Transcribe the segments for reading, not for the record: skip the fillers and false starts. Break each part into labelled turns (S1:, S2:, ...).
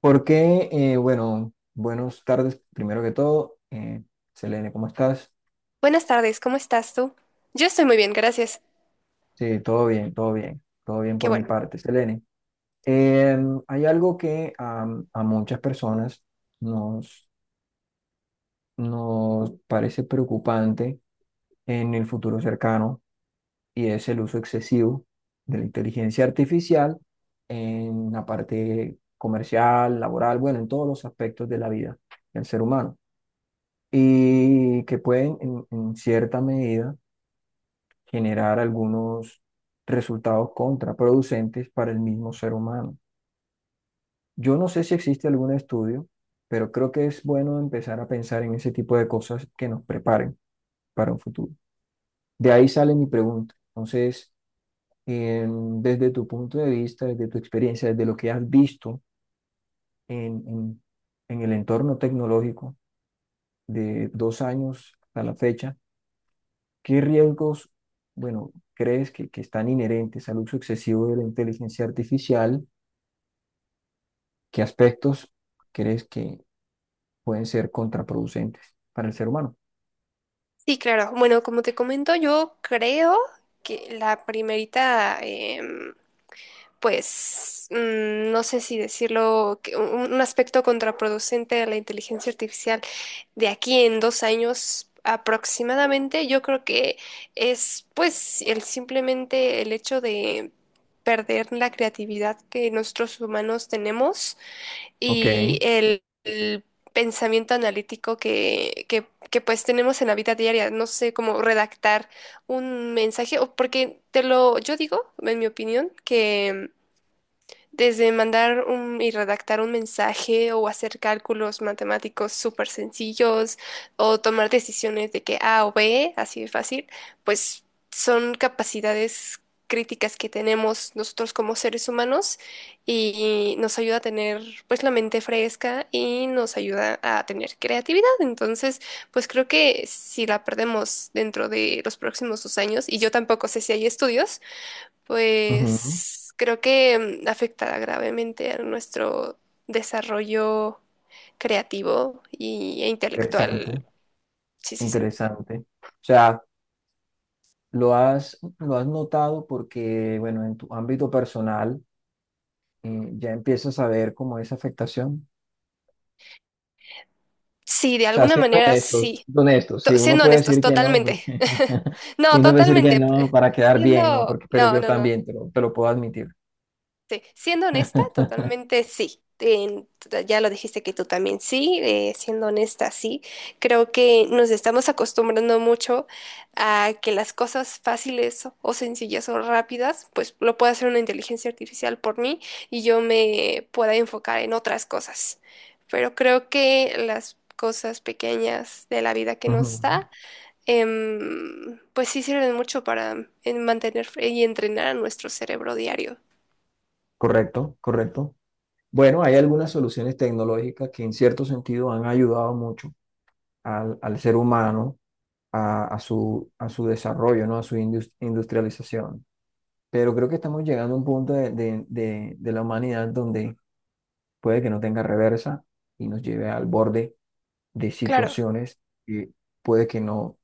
S1: Bueno, buenas tardes, primero que todo. Selene, ¿cómo estás?
S2: Buenas tardes, ¿cómo estás tú? Yo estoy muy bien, gracias.
S1: Sí, todo bien, todo bien, todo bien
S2: Qué
S1: por mi
S2: bueno.
S1: parte, Selene. Hay algo que muchas personas nos, nos parece preocupante en el futuro cercano, y es el uso excesivo de la inteligencia artificial en la parte comercial, laboral, bueno, en todos los aspectos de la vida del ser humano, y que pueden en cierta medida generar algunos resultados contraproducentes para el mismo ser humano. Yo no sé si existe algún estudio, pero creo que es bueno empezar a pensar en ese tipo de cosas que nos preparen para un futuro. De ahí sale mi pregunta. Entonces, desde tu punto de vista, desde tu experiencia, desde lo que has visto en, en en el entorno tecnológico de 2 años a la fecha, ¿qué riesgos, bueno, crees que, están inherentes al uso excesivo de la inteligencia artificial? ¿Qué aspectos crees que pueden ser contraproducentes para el ser humano?
S2: Sí, claro. Bueno, como te comento, yo creo que la primerita, pues, no sé si decirlo, que un aspecto contraproducente de la inteligencia artificial de aquí en 2 años aproximadamente, yo creo que es, pues, el simplemente el hecho de perder la creatividad que nosotros humanos tenemos
S1: Ok.
S2: y el pensamiento analítico que pues tenemos en la vida diaria. No sé cómo redactar un mensaje, o porque te lo, yo digo, en mi opinión, que desde mandar un, y redactar un mensaje o hacer cálculos matemáticos súper sencillos o tomar decisiones de que A o B, así de fácil, pues son capacidades críticas que tenemos nosotros como seres humanos y nos ayuda a tener pues la mente fresca y nos ayuda a tener creatividad. Entonces, pues creo que si la perdemos dentro de los próximos 2 años, y yo tampoco sé si hay estudios,
S1: Ujú.
S2: pues creo que afectará gravemente a nuestro desarrollo creativo e
S1: Interesante,
S2: intelectual. Sí, sí, sí.
S1: interesante. O sea, lo has notado porque, bueno, en tu ámbito personal, ya empiezas a ver como esa afectación.
S2: Sí, de
S1: O sea,
S2: alguna manera sí.
S1: siendo honestos, sí, uno
S2: Siendo
S1: puede
S2: honestos,
S1: decir que no,
S2: totalmente.
S1: porque y
S2: No,
S1: uno puede decir que
S2: totalmente.
S1: no para quedar bien, ¿no? Porque, pero
S2: No,
S1: yo
S2: no, no.
S1: también te lo puedo admitir.
S2: Sí, siendo honesta, totalmente sí. Ya lo dijiste que tú también sí, siendo honesta, sí. Creo que nos estamos acostumbrando mucho a que las cosas fáciles o sencillas o rápidas, pues lo puede hacer una inteligencia artificial por mí y yo me pueda enfocar en otras cosas. Pero creo que las cosas pequeñas de la vida que
S1: Ujú.
S2: nos da, pues sí sirven mucho para mantener y entrenar a nuestro cerebro diario.
S1: Correcto, correcto. Bueno, hay
S2: Sí.
S1: algunas soluciones tecnológicas que en cierto sentido han ayudado mucho al, al ser humano, a su desarrollo, ¿no? A su industrialización. Pero creo que estamos llegando a un punto de, de la humanidad donde puede que no tenga reversa y nos lleve al borde de
S2: Claro.
S1: situaciones que puede que no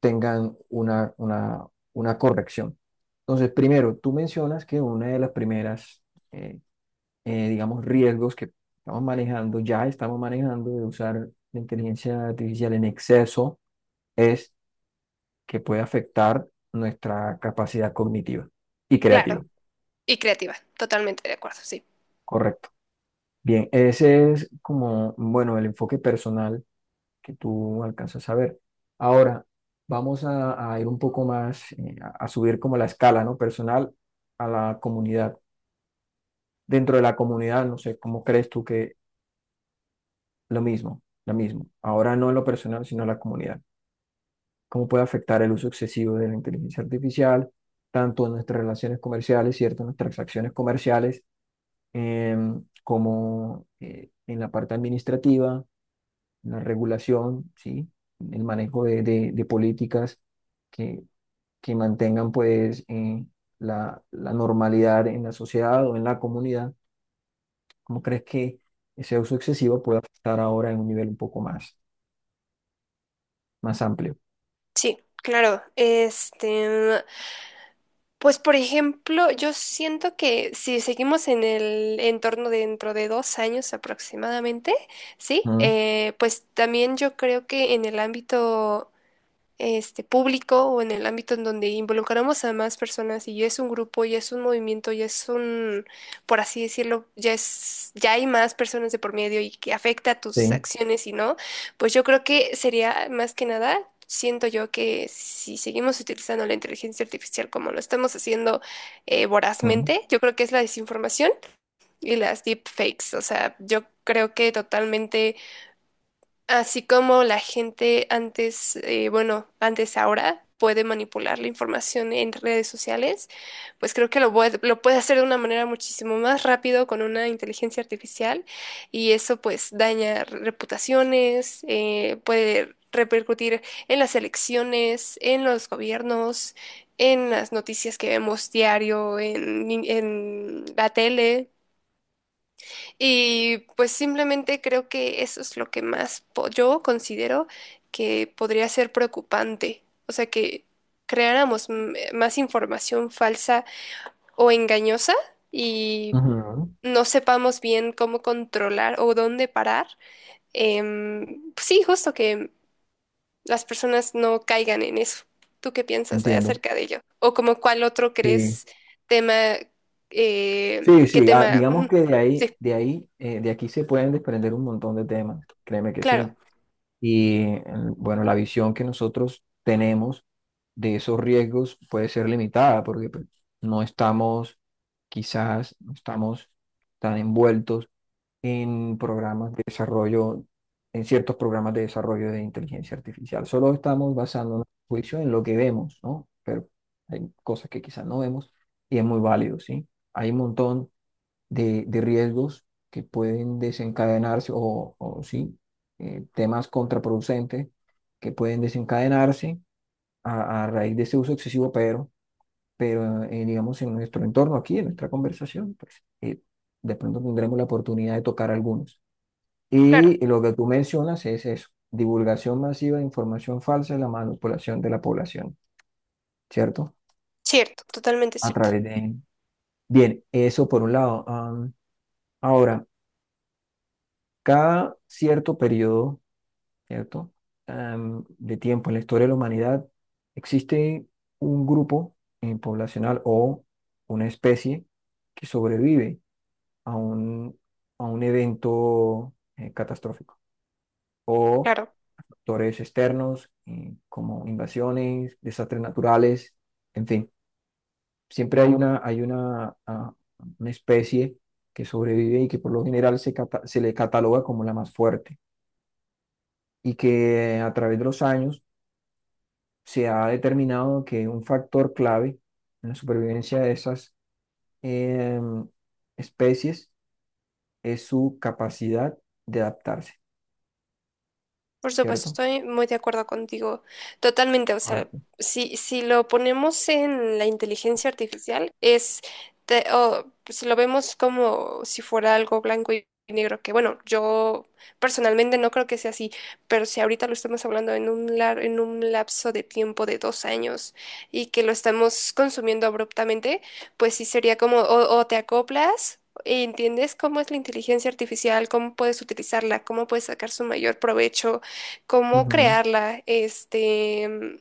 S1: tengan una corrección. Entonces, primero, tú mencionas que una de las primeras, eh, digamos, riesgos que estamos manejando, ya estamos manejando de usar la inteligencia artificial en exceso, es que puede afectar nuestra capacidad cognitiva y
S2: Claro,
S1: creativa.
S2: y creativa, totalmente de acuerdo, sí.
S1: Correcto. Bien, ese es como, bueno, el enfoque personal que tú alcanzas a ver. Ahora, vamos a ir un poco más, a subir como la escala, ¿no? Personal a la comunidad. Dentro de la comunidad, no sé, ¿cómo crees tú que lo mismo, lo mismo? Ahora no en lo personal, sino en la comunidad. ¿Cómo puede afectar el uso excesivo de la inteligencia artificial, tanto en nuestras relaciones comerciales, cierto? En nuestras transacciones comerciales, como en la parte administrativa, en la regulación, ¿sí? En el manejo de de políticas que mantengan pues la, la normalidad en la sociedad o en la comunidad? ¿Cómo crees que ese uso excesivo puede afectar ahora en un nivel un poco más, más amplio?
S2: Sí, claro. Este, pues por ejemplo, yo siento que si seguimos en el entorno dentro de 2 años aproximadamente, sí.
S1: ¿Mm?
S2: Pues también yo creo que en el ámbito este, público, o en el ámbito en donde involucramos a más personas y ya es un grupo, ya es un movimiento, por así decirlo, ya es, ya hay más personas de por medio y que afecta
S1: Sí.
S2: tus acciones y no, pues yo creo que sería más que nada, siento yo que si seguimos utilizando la inteligencia artificial como lo estamos haciendo
S1: ¿Mm?
S2: vorazmente, yo creo que es la desinformación y las deepfakes. O sea, yo creo que totalmente. Así como la gente antes, bueno, antes ahora puede manipular la información en redes sociales, pues creo que lo puede hacer de una manera muchísimo más rápido con una inteligencia artificial, y eso pues daña reputaciones, puede repercutir en las elecciones, en los gobiernos, en las noticias que vemos diario, en la tele. Y pues simplemente creo que eso es lo que más yo considero que podría ser preocupante. O sea, que creáramos más información falsa o engañosa y
S1: Ujú.
S2: no sepamos bien cómo controlar o dónde parar. Pues sí, justo que las personas no caigan en eso. ¿Tú qué piensas
S1: Entiendo.
S2: acerca de ello? ¿O como cuál otro
S1: Sí.
S2: crees tema,
S1: Sí,
S2: qué
S1: sí, ah,
S2: tema?
S1: digamos
S2: Ujú.
S1: que de ahí,
S2: Sí,
S1: de ahí, de aquí se pueden desprender un montón de temas, créeme que
S2: claro,
S1: sí. Y bueno, la visión que nosotros tenemos de esos riesgos puede ser limitada porque pues, no estamos, quizás no estamos tan envueltos en programas de desarrollo, en ciertos programas de desarrollo de inteligencia artificial. Solo estamos basando nuestro juicio en lo que vemos, ¿no? Pero hay cosas que quizás no vemos, y es muy válido, ¿sí? Hay un montón de riesgos que pueden desencadenarse o sí, temas contraproducentes que pueden desencadenarse a raíz de ese uso excesivo, pero digamos en nuestro entorno aquí, en nuestra conversación, pues de pronto tendremos la oportunidad de tocar algunos.
S2: claro.
S1: Y lo que tú mencionas es eso: divulgación masiva de información falsa y la manipulación de la población, ¿cierto?
S2: Cierto, totalmente
S1: A
S2: cierto.
S1: través de... Bien, eso por un lado. Ahora, cada cierto periodo, ¿cierto? De tiempo en la historia de la humanidad, existe un grupo poblacional o una especie que sobrevive a un, a un evento catastrófico o
S2: Claro.
S1: factores externos como invasiones, desastres naturales, en fin, siempre hay una, ah, una especie que sobrevive y que por lo general se le cataloga como la más fuerte, y que a través de los años se ha determinado que un factor clave en la supervivencia de esas em, especies es su capacidad de adaptarse,
S2: Por supuesto,
S1: ¿cierto?
S2: estoy muy de acuerdo contigo, totalmente. O sea,
S1: Correcto.
S2: si lo ponemos en la inteligencia artificial, es, o si lo vemos como si fuera algo blanco y negro, que bueno, yo personalmente no creo que sea así, pero si ahorita lo estamos hablando en un, en un lapso de tiempo de 2 años, y que lo estamos consumiendo abruptamente, pues sí sería como o te acoplas. ¿Entiendes cómo es la inteligencia artificial? ¿Cómo puedes utilizarla? ¿Cómo puedes sacar su mayor provecho? Cómo
S1: Ujú.
S2: crearla, este,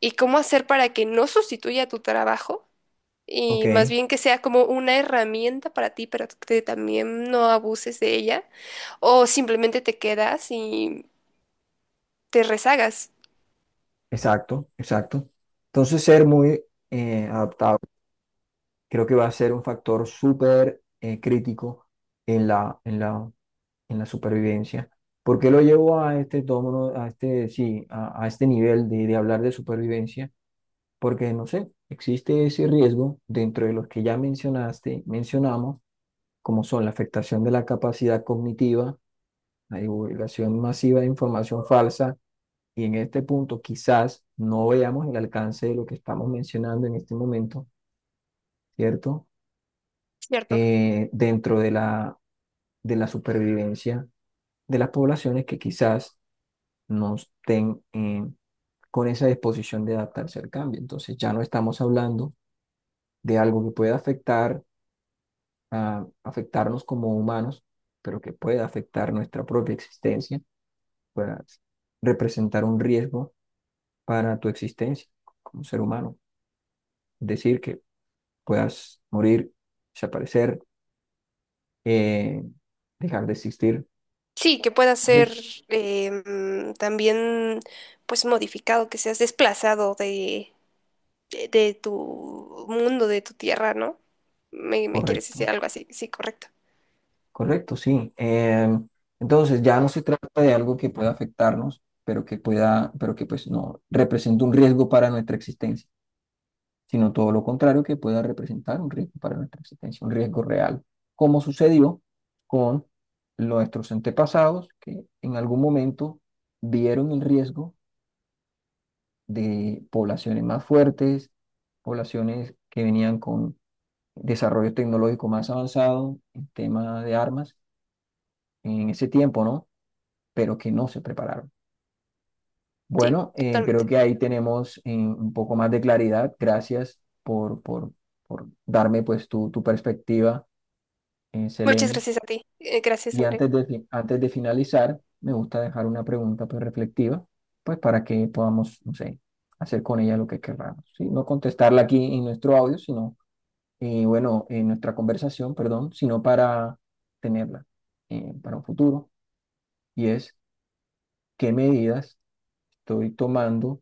S2: y cómo hacer para que no sustituya tu trabajo
S1: Ok,
S2: y más bien que sea como una herramienta para ti, pero que también no abuses de ella o simplemente te quedas y te rezagas,
S1: exacto, exacto. Entonces, ser muy adaptable creo que va a ser un factor súper crítico en la, en la, en la supervivencia. ¿Por qué lo llevo a este tono, a este, sí, a este nivel de hablar de supervivencia? Porque no sé, existe ese riesgo dentro de los que ya mencionaste, mencionamos, como son la afectación de la capacidad cognitiva, la divulgación masiva de información falsa, y en este punto quizás no veamos el alcance de lo que estamos mencionando en este momento, ¿cierto?
S2: ¿cierto?
S1: Dentro de la supervivencia de las poblaciones que quizás no estén con esa disposición de adaptarse al cambio. Entonces ya no estamos hablando de algo que pueda afectar a afectarnos como humanos, pero que pueda afectar nuestra propia existencia, pueda representar un riesgo para tu existencia como ser humano. Es decir, que puedas morir, desaparecer, eh, dejar de existir.
S2: Sí, que pueda ser también pues modificado, que seas desplazado de, de tu mundo, de tu tierra, ¿no? Me quieres
S1: Correcto,
S2: decir algo así, sí, correcto.
S1: correcto, sí. Entonces ya no se trata de algo que pueda afectarnos, pero que pueda, pero que pues no representa un riesgo para nuestra existencia, sino todo lo contrario, que pueda representar un riesgo para nuestra existencia, un riesgo real, como sucedió con nuestros antepasados, que en algún momento vieron el riesgo de poblaciones más fuertes, poblaciones que venían con desarrollo tecnológico más avanzado en tema de armas en ese tiempo, ¿no? Pero que no se prepararon.
S2: Sí,
S1: Bueno, creo
S2: totalmente.
S1: que ahí tenemos un poco más de claridad. Gracias por darme pues tu perspectiva en
S2: Muchas
S1: Selenium.
S2: gracias a ti. Gracias,
S1: Y
S2: André.
S1: antes de, antes de finalizar, me gusta dejar una pregunta pues, reflexiva, pues para que podamos, no sé, hacer con ella lo que querramos, ¿sí? No contestarla aquí en nuestro audio, sino, bueno, en nuestra conversación, perdón, sino para tenerla para un futuro. Y es, ¿qué medidas estoy tomando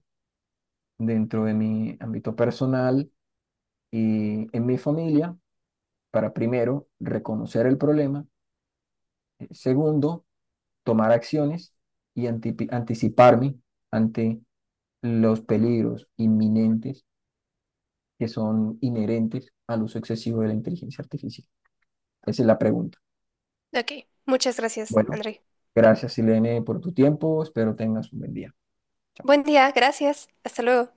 S1: dentro de mi ámbito personal y en mi familia para primero reconocer el problema? Segundo, tomar acciones y anticiparme ante los peligros inminentes que son inherentes al uso excesivo de la inteligencia artificial. Esa es la pregunta.
S2: Ok, muchas gracias,
S1: Bueno,
S2: André.
S1: gracias, Silene, por tu tiempo. Espero tengas un buen día. Chao.
S2: Buen día, gracias. Hasta luego.